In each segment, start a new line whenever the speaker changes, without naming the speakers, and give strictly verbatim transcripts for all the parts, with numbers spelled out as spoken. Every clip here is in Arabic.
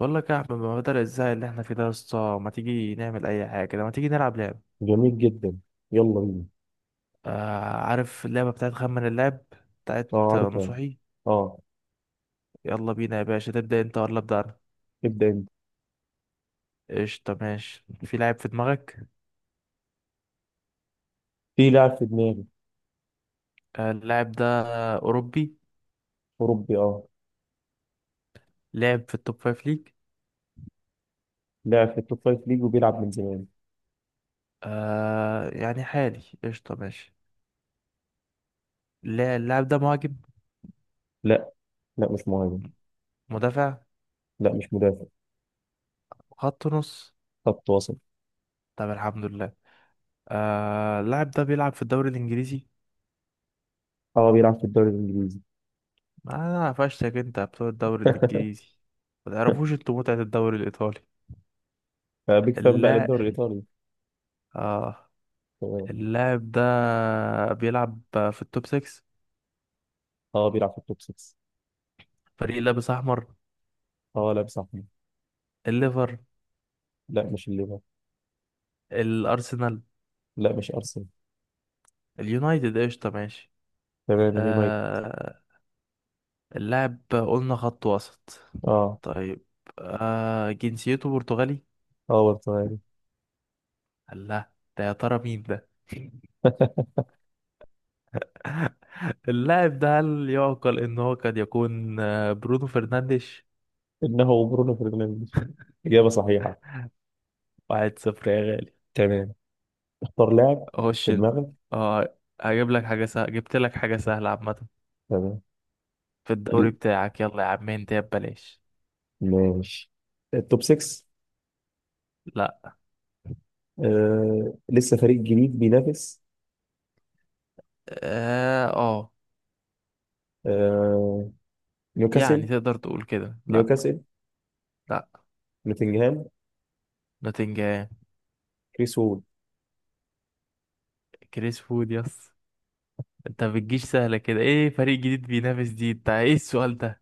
بقول لك يا احمد، ما بدل الزهق اللي احنا فيه ده يا اسطى، ما تيجي نعمل اي حاجه كده؟ ما تيجي نلعب لعب؟
جميل جدا. يلا بينا.
آه عارف اللعبه بتاعت خمن اللعب؟
اه،
بتاعت آه،
عارفها.
نصوحي.
اه.
يلا بينا يا باشا، تبدا انت ولا ابدا انا؟
ابدأ انت.
قشطه ماشي. في لاعب في دماغك.
في لاعب في دماغي.
آه اللاعب ده اوروبي.
أوروبي اه.
لعب في التوب فايف ليج.
لاعب في التوب فايف ليج وبيلعب من زمان.
آه يعني حالي، قشطه ماشي. اللا- اللاعب ده مهاجم؟
لا، لا مش مهاجم.
مدافع؟
لا مش مدافع.
خط نص؟
خط وسط.
طب الحمد لله. آه اللاعب ده بيلعب في الدوري الانجليزي.
اه بيلعب في الدوري الإنجليزي.
ما انا قفشتك، انت بتوع الدوري الانجليزي، ما تعرفوش انتوا متعة الدوري الايطالي.
آه، بيج فان بقى للدوري
اللاعب،
الإيطالي.
اه،
تمام.
اللاعب ده بيلعب في التوب سكس.
اه بيلعب في التوب ستة.
فريق لابس احمر؟
اه لا مش أحمد.
الليفر؟
لا مش الليفر.
الارسنال؟
لا مش أرسنال.
اليونايتد؟ قشطة ماشي.
تمام اليونايتد.
آه اللاعب قلنا خط وسط.
اه.
طيب. آه جنسيته برتغالي.
اه والتمام.
لا ده يا ترى مين ده؟ اللاعب ده هل يعقل ان هو قد يكون آه، برونو فرنانديش؟
إنه برونو فرنانديز. إجابة صحيحة.
واحد صفر يا غالي.
تمام. اختار لاعب
اخش
في
ال-
دماغك.
اه هجيب لك حاجة سهلة، جبت لك حاجة سهلة عامة
تمام
في الدوري بتاعك، يلا يا عم انت يا ببلاش.
ماشي. التوب ستة.
لا.
آه لسه فريق جديد بينافس.
اه. آه.
آه.
يعني
نيوكاسل.
تقدر تقول كده، لا.
نيوكاسل.
لا.
نوتنجهام.
نوتنجهام.
كريس وود.
كريس فود، يس. انت بتجيش سهلة كده؟ ايه فريق جديد بينافس دي؟ انت ايه السؤال ده؟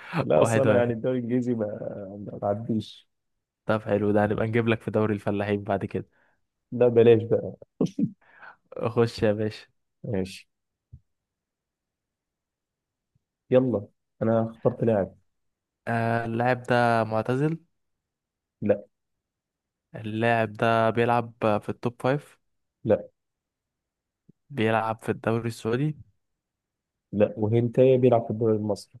لا اصل
واحد
انا يعني
واحد
الدوري الانجليزي ما ما بعديش.
طب حلو، ده هنبقى نجيب لك في دوري الفلاحين بعد كده.
لا بلاش بقى.
خش يا باشا.
ماشي. يلا. انا اخترت لاعب.
آه اللاعب ده معتزل؟
لا.
اللاعب ده بيلعب في التوب فايف؟
لا.
بيلعب في الدوري السعودي؟
لا وهنتايا بيلعب في الدوري المصري.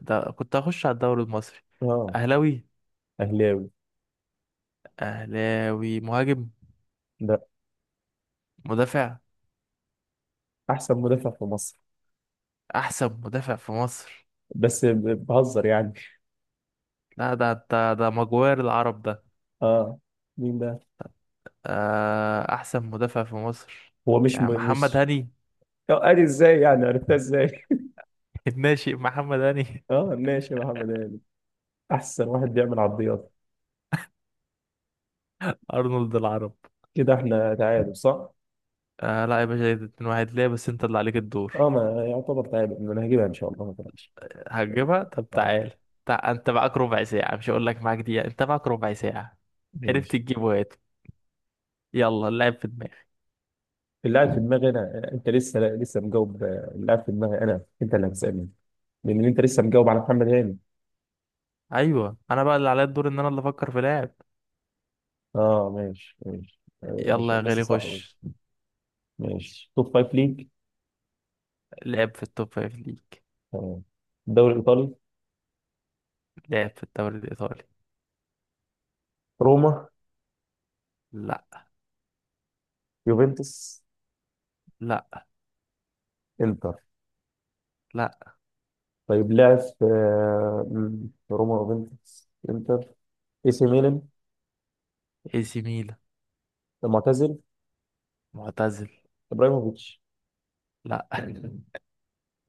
ده كنت هخش على الدوري المصري.
اه.
اهلاوي؟
اهلاوي.
اهلاوي، مهاجم؟
لا.
مدافع؟
احسن مدافع في مصر.
احسن مدافع في مصر.
بس ب- بهزر يعني.
لا، ده ده ده مجوار العرب ده.
اه. مين ده؟
آه، احسن مدافع في مصر،
هو مش م...
يا محمد
مش،
هاني.
آه، ادي ازاي يعني؟ عرفتها ازاي؟
الناشئ محمد هاني.
اه ماشي يا محمد هاني. احسن واحد بيعمل عرضيات.
ارنولد العرب.
كده احنا تعادل صح؟
آه لا يا باشا، إيه ده؟ اتنين واحد ليه؟ بس انت اللي عليك الدور.
اه ما يعتبر تعادل، إن انا هجيبها ان شاء الله، ما تقلقش.
هتجيبها؟ طب
اه
تعال. تع... انت معاك ربع ساعة، مش هقول لك معاك دقيقة، انت معاك ربع ساعة. عرفت
ماشي.
تجيبه هاته. يلا، اللعب في دماغي.
اللي قاعد في دماغي انا، انت لسه لسه مجاوب. اللي قاعد في دماغي انا، انت اللي هتسالني، لان انت لسه مجاوب على محمد هاني.
ايوه، انا بقى اللي عليا الدور ان انا اللي افكر في لاعب.
اه ماشي ماشي، آه،
يلا يا
عشان لسه
غالي،
صح بس.
خش.
ماشي. توب فايف ليج.
لعب في التوب فايف ليج.
تمام. الدوري الايطالي.
لعب في الدوري الإيطالي.
روما.
لا.
يوفنتوس.
لا.
انتر.
لا.
طيب لاعب في آه، م، في روما يوفنتوس انتر. اي سي ميلان.
اي سي ميلان.
معتزل.
معتزل.
ابراهيموفيتش.
لا،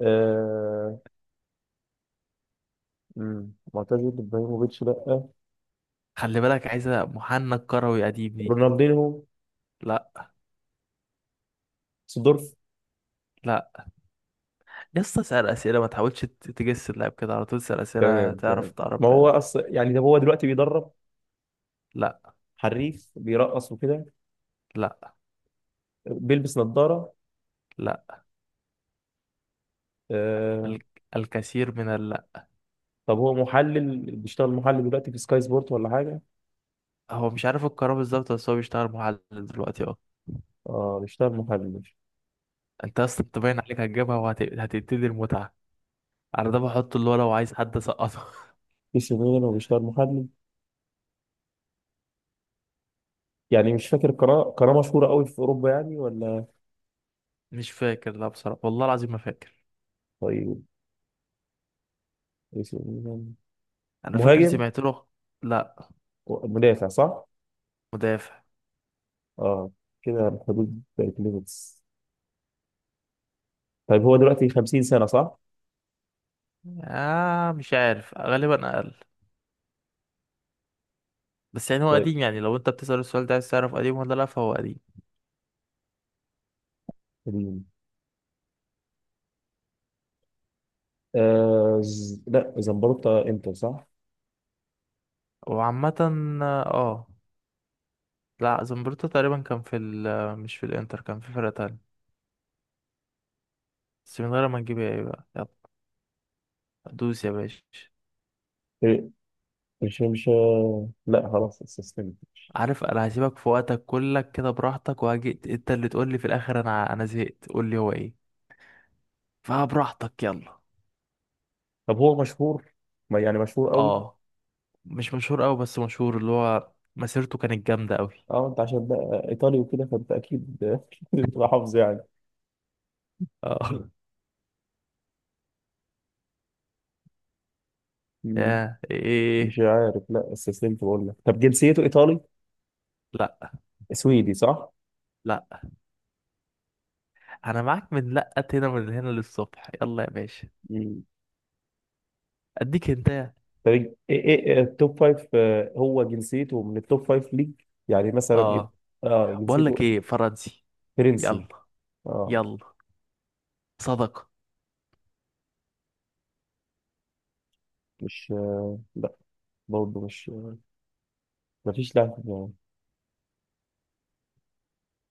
آه... مم. معتزل ابراهيموفيتش لا.
خلي بالك، عايزة محنك كروي قديم دي.
رونالدينو.
لا.
سيدورف.
لا. يسطا اسأل أسئلة، ما تحاولش ت- تجس اللاعب كده على طول. اسأل أسئلة
تمام
تعرف،
تمام.
تعرف
ما
بقى.
هو اصلا يعني ده هو دلوقتي بيدرب.
لا.
حريف بيرقص وكده.
لا.
بيلبس نظارة.
لا.
آه...
ال- الكثير من اللا.
طب هو محلل؟ بيشتغل محلل دلوقتي في سكاي سبورت ولا حاجة؟
هو مش عارف القرار بالظبط، بس هو بيشتغل محلل دلوقتي، اه.
اه بيشتغل محلل
انت اصلا انت باين عليك هتجيبها وهتبتدي المتعة. على ده بحط اللي هو لو عايز حد اسقطه.
في سي ميلان وبيشتغل محلل. يعني مش فاكر قناة؟ قناة مشهورة قوي في أوروبا يعني، ولا؟
مش فاكر، لا بصراحة، والله العظيم ما فاكر.
طيب. إيه سي ميلان.
انا فاكر
مهاجم.
سمعت له. لا.
مدافع صح؟
مدافع.
اه. كده حدود تلاتين. طيب هو دلوقتي خمسين سنة صح؟
آه مش عارف، غالبا اقل. بس يعني هو
طيب
قديم. يعني لو انت بتسأل السؤال ده عايز تعرف قديم ولا لا، فهو قديم.
ال- آه ز... لا زمبروتا. انتر صح؟
وعامة. اه. لا زمبروتا تقريبا كان في ال، مش في الانتر، كان في فرقة تانية. بس من غير ما نجيب، ايه بقى، يلا دوس يا باشا.
إيه، مش مش آه، لا خلاص استسلمت.
عارف انا هسيبك في وقتك كلك كده براحتك، وهجي انت اللي تقول لي في الاخر انا انا زهقت، قول لي هو ايه. فبراحتك، يلا.
طب هو مشهور؟ ما يعني مشهور قوي.
اه، مش مشهور قوي، بس مشهور اللي هو مسيرته كانت جامدة قوي.
اه انت عشان بقى ايطالي وكده فانت اكيد أكيد بتبقى حافظ يعني.
اه.
مم.
يا
مش
ايه.
عارف. لا استسلمت بقول لك. طب جنسيته ايطالي؟
لا.
سويدي صح؟
لا. انا معاك من لقت هنا، من هنا للصبح، يلا يا باشا.
مم.
اديك انت.
طب ايه ايه التوب فايف، آه، هو جنسيته من التوب فايف ليج؟ يعني مثلا إيه؟
اه.
اه
بقول لك
جنسيته.
ايه، فرنسي.
فرنسي.
يلا.
اه.
يلا. صدقة.
مش آه، لا. برضه مش آه، مفيش لاعب.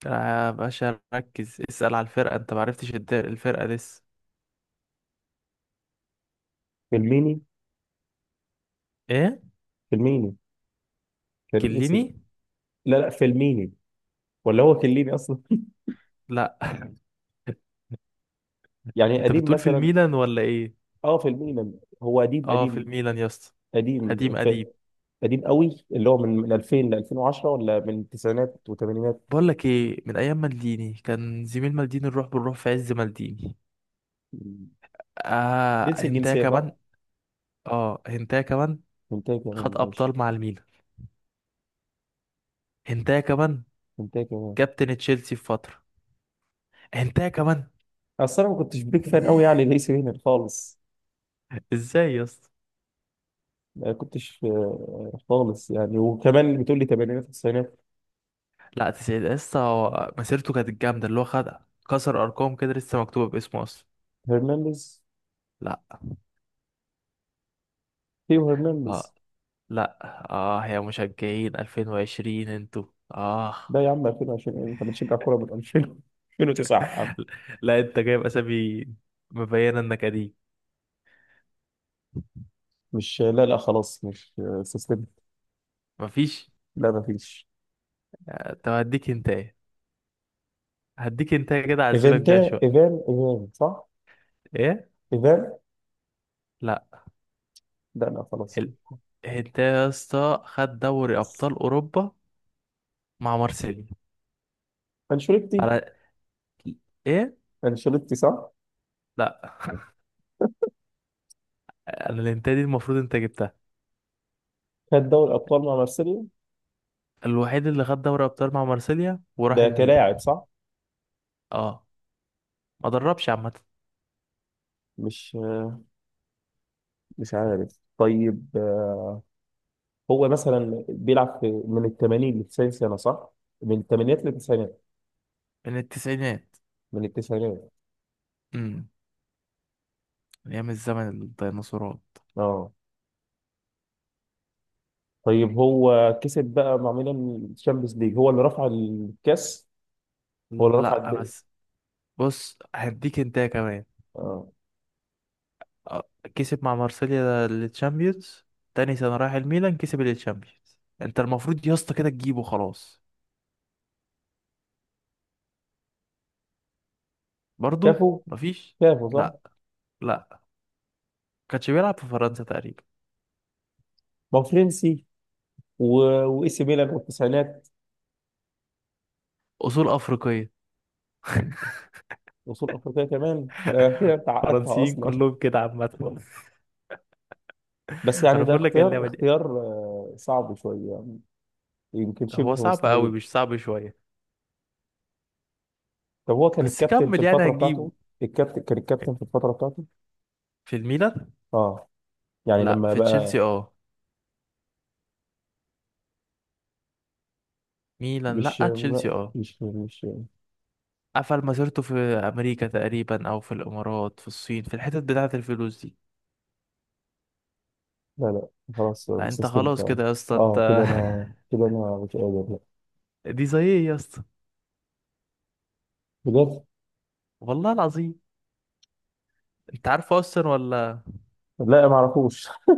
يا باشا ركز، اسأل على الفرقة، انت معرفتش الد- الفرقة لسه.
فيلميني.
ايه.
فيلميني كان اسم.
كليني.
لا لا فيلميني. ولا هو كليني اصلا.
لا.
يعني
انت
قديم
بتقول في
مثلا.
الميلان ولا ايه؟
اه فيلميني. هو قديم
اه في
قديم.
الميلان يا اسطى.
قديم
قديم
ف-
قديم.
قديم قوي، اللي هو من من ألفين ل ألفين وعشرة، ولا من التسعينات والثمانينات.
بقول لك ايه، من ايام مالديني، كان زميل مالديني، نروح بنروح في عز مالديني. اه،
جنس
هنتايا
الجنسيه صح؟
كمان. اه، هنتايا كمان.
منتهي كمان
خد
ماشي.
ابطال مع الميلان، هنتايا كمان.
منتهي كمان.
كابتن تشيلسي في فتره، هنتايا كمان.
اصل انا ما كنتش بيك فان قوي يعني، ليس هنا خالص.
ازاي يا اسطى؟
ما كنتش آه، خالص يعني، وكمان بتقول لي ثمانينات وتسعينات.
لا تسعيد يا اسطى، هو مسيرته كانت جامده، اللي هو خد كسر ارقام كده لسه مكتوبه باسمه اصلا.
هرنانديز.
لا.
ثيو هرنانديز.
اه. لا. اه يا مشجعين الفين وعشرين انتوا. اه.
ده يا عم ألفين وعشرين؟ ايه، انت بتشجع كوره من ألفين ألفين وتسعة يا عم؟
لا انت جايب اسامي مبينه انك قديم.
مش لا لا خلاص مش سيستم.
مفيش.
لا ما فيش.
طب هديك انت ايه، هديك انت ايه كده، اعذبك بيها
ايفنتا
شويه.
ايفان ايفان صح.
ايه.
ايفان.
لا.
لا. لا خلاص.
ال... انت يا اسطى خد دوري ابطال اوروبا مع مارسيليا.
انشيلوتي.
على. ايه.
انشيلوتي صح.
لا، انا الانت دي المفروض انت جبتها.
خد دوري الابطال مع مارسيليا.
الوحيد اللي خد دوري ابطال مع مارسيليا وراح
ده
الميلان.
كلاعب صح.
اه. ما دربش، عامه.
مش مش عارف. طيب آه، هو مثلا بيلعب في من ال ثمانين ل تسعين سنه صح، من الثمانينات للتسعينات؟
من التسعينات.
من التسعينات.
امم. ايام الزمن الديناصورات.
اه. طيب هو كسب بقى مع ميلان الشامبيونز ليج؟ هو اللي رفع الكاس؟ هو اللي رفع
لا
الدقن؟
بس. بص هديك انت كمان.
اه.
آه، كسب مع مارسيليا التشامبيونز، تاني سنة رايح الميلان كسب التشامبيونز. انت المفروض يا اسطى كده تجيبه خلاص. برضو
كافو.
مفيش.
كافو صح.
لا. لا. كانش بيلعب في فرنسا تقريبا.
ما هو فرنسي و... واي سي ميلان والتسعينات.
اصول افريقيه.
وصول افريقيا كمان ده كده انت عقدتها
فرنسيين
اصلا.
كلهم كده عامه.
بس يعني
انا
ده
بقول لك
اختيار
اللعبه دي
اختيار آه، صعب شويه يعني، يمكن
هو
شبه
صعب قوي،
مستحيل.
مش صعب شويه.
طب هو كان
بس
الكابتن في
كمل، يعني
الفتره بتاعته؟
هتجيبه.
الكابتن؟ كان الكابتن في الفتره بتاعته؟
في الميلان،
اه، يعني
لا
لما
في
بقى.
تشيلسي اه. ميلان
مش
لا تشيلسي
لا،
اه.
مش مش
قفل مسيرته في امريكا تقريبا او في الامارات، في الصين، في الحتت بتاعه الفلوس دي.
لا لا خلاص
لا انت
مستسلمت
خلاص
يعني.
كده يا اسطى انت.
اه كده انا كده انا مش قادر لا.
دي زي ايه يا اسطى؟
بجد.
والله العظيم انت عارف اصلا ولا؟
لا ما اعرفوش.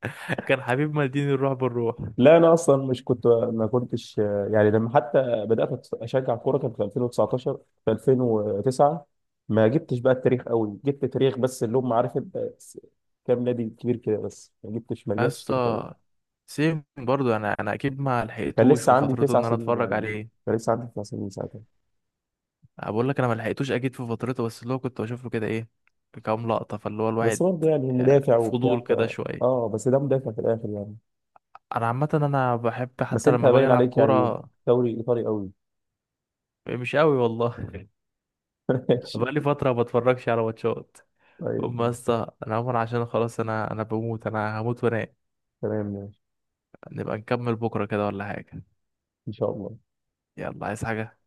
كان حبيب مالديني، الروح بالروح.
لا انا اصلا مش كنت ما كنتش يعني لما حتى بدات اشجع كوره كان في ألفين وتسعة عشر، في ألفين وتسعة. ما جبتش بقى التاريخ قوي، جبت تاريخ بس اللي هم عارف انت س- كام نادي كبير كده، بس ما جبتش، ما
يا
رجعتش تاريخ قوي.
اسطى سيم برضو، انا انا اكيد ما
كان
لحقتوش
لسه
في
عندي
فترته
تسع
ان انا
سنين
اتفرج
يعني.
عليه.
كان لسه عندي تسع سنين ساعتها.
بقول لك انا ما لحقتوش اكيد في فترته، بس اللي هو كنت بشوف له كده ايه، كام لقطه، فاللي هو
بس
الواحد
برضه يعني
آه،
مدافع وبتاع
فضول
ف،
كده شويه.
اه بس ده مدافع في الاخر يعني.
انا عامه انا بحب
بس
حتى
انت
لما باجي
باين
العب
عليك يعني
كوره.
دوري ايطالي قوي.
مش قوي والله.
ماشي.
بقالي فتره ما بتفرجش على ماتشات.
طيب
قوم يا
ماشي.
اسطى، انا عمر، عشان خلاص، انا انا بموت، انا هموت وانام.
تمام ماشي.
نبقى نكمل بكره كده ولا حاجه؟
ان شاء الله.
يلا، عايز حاجه.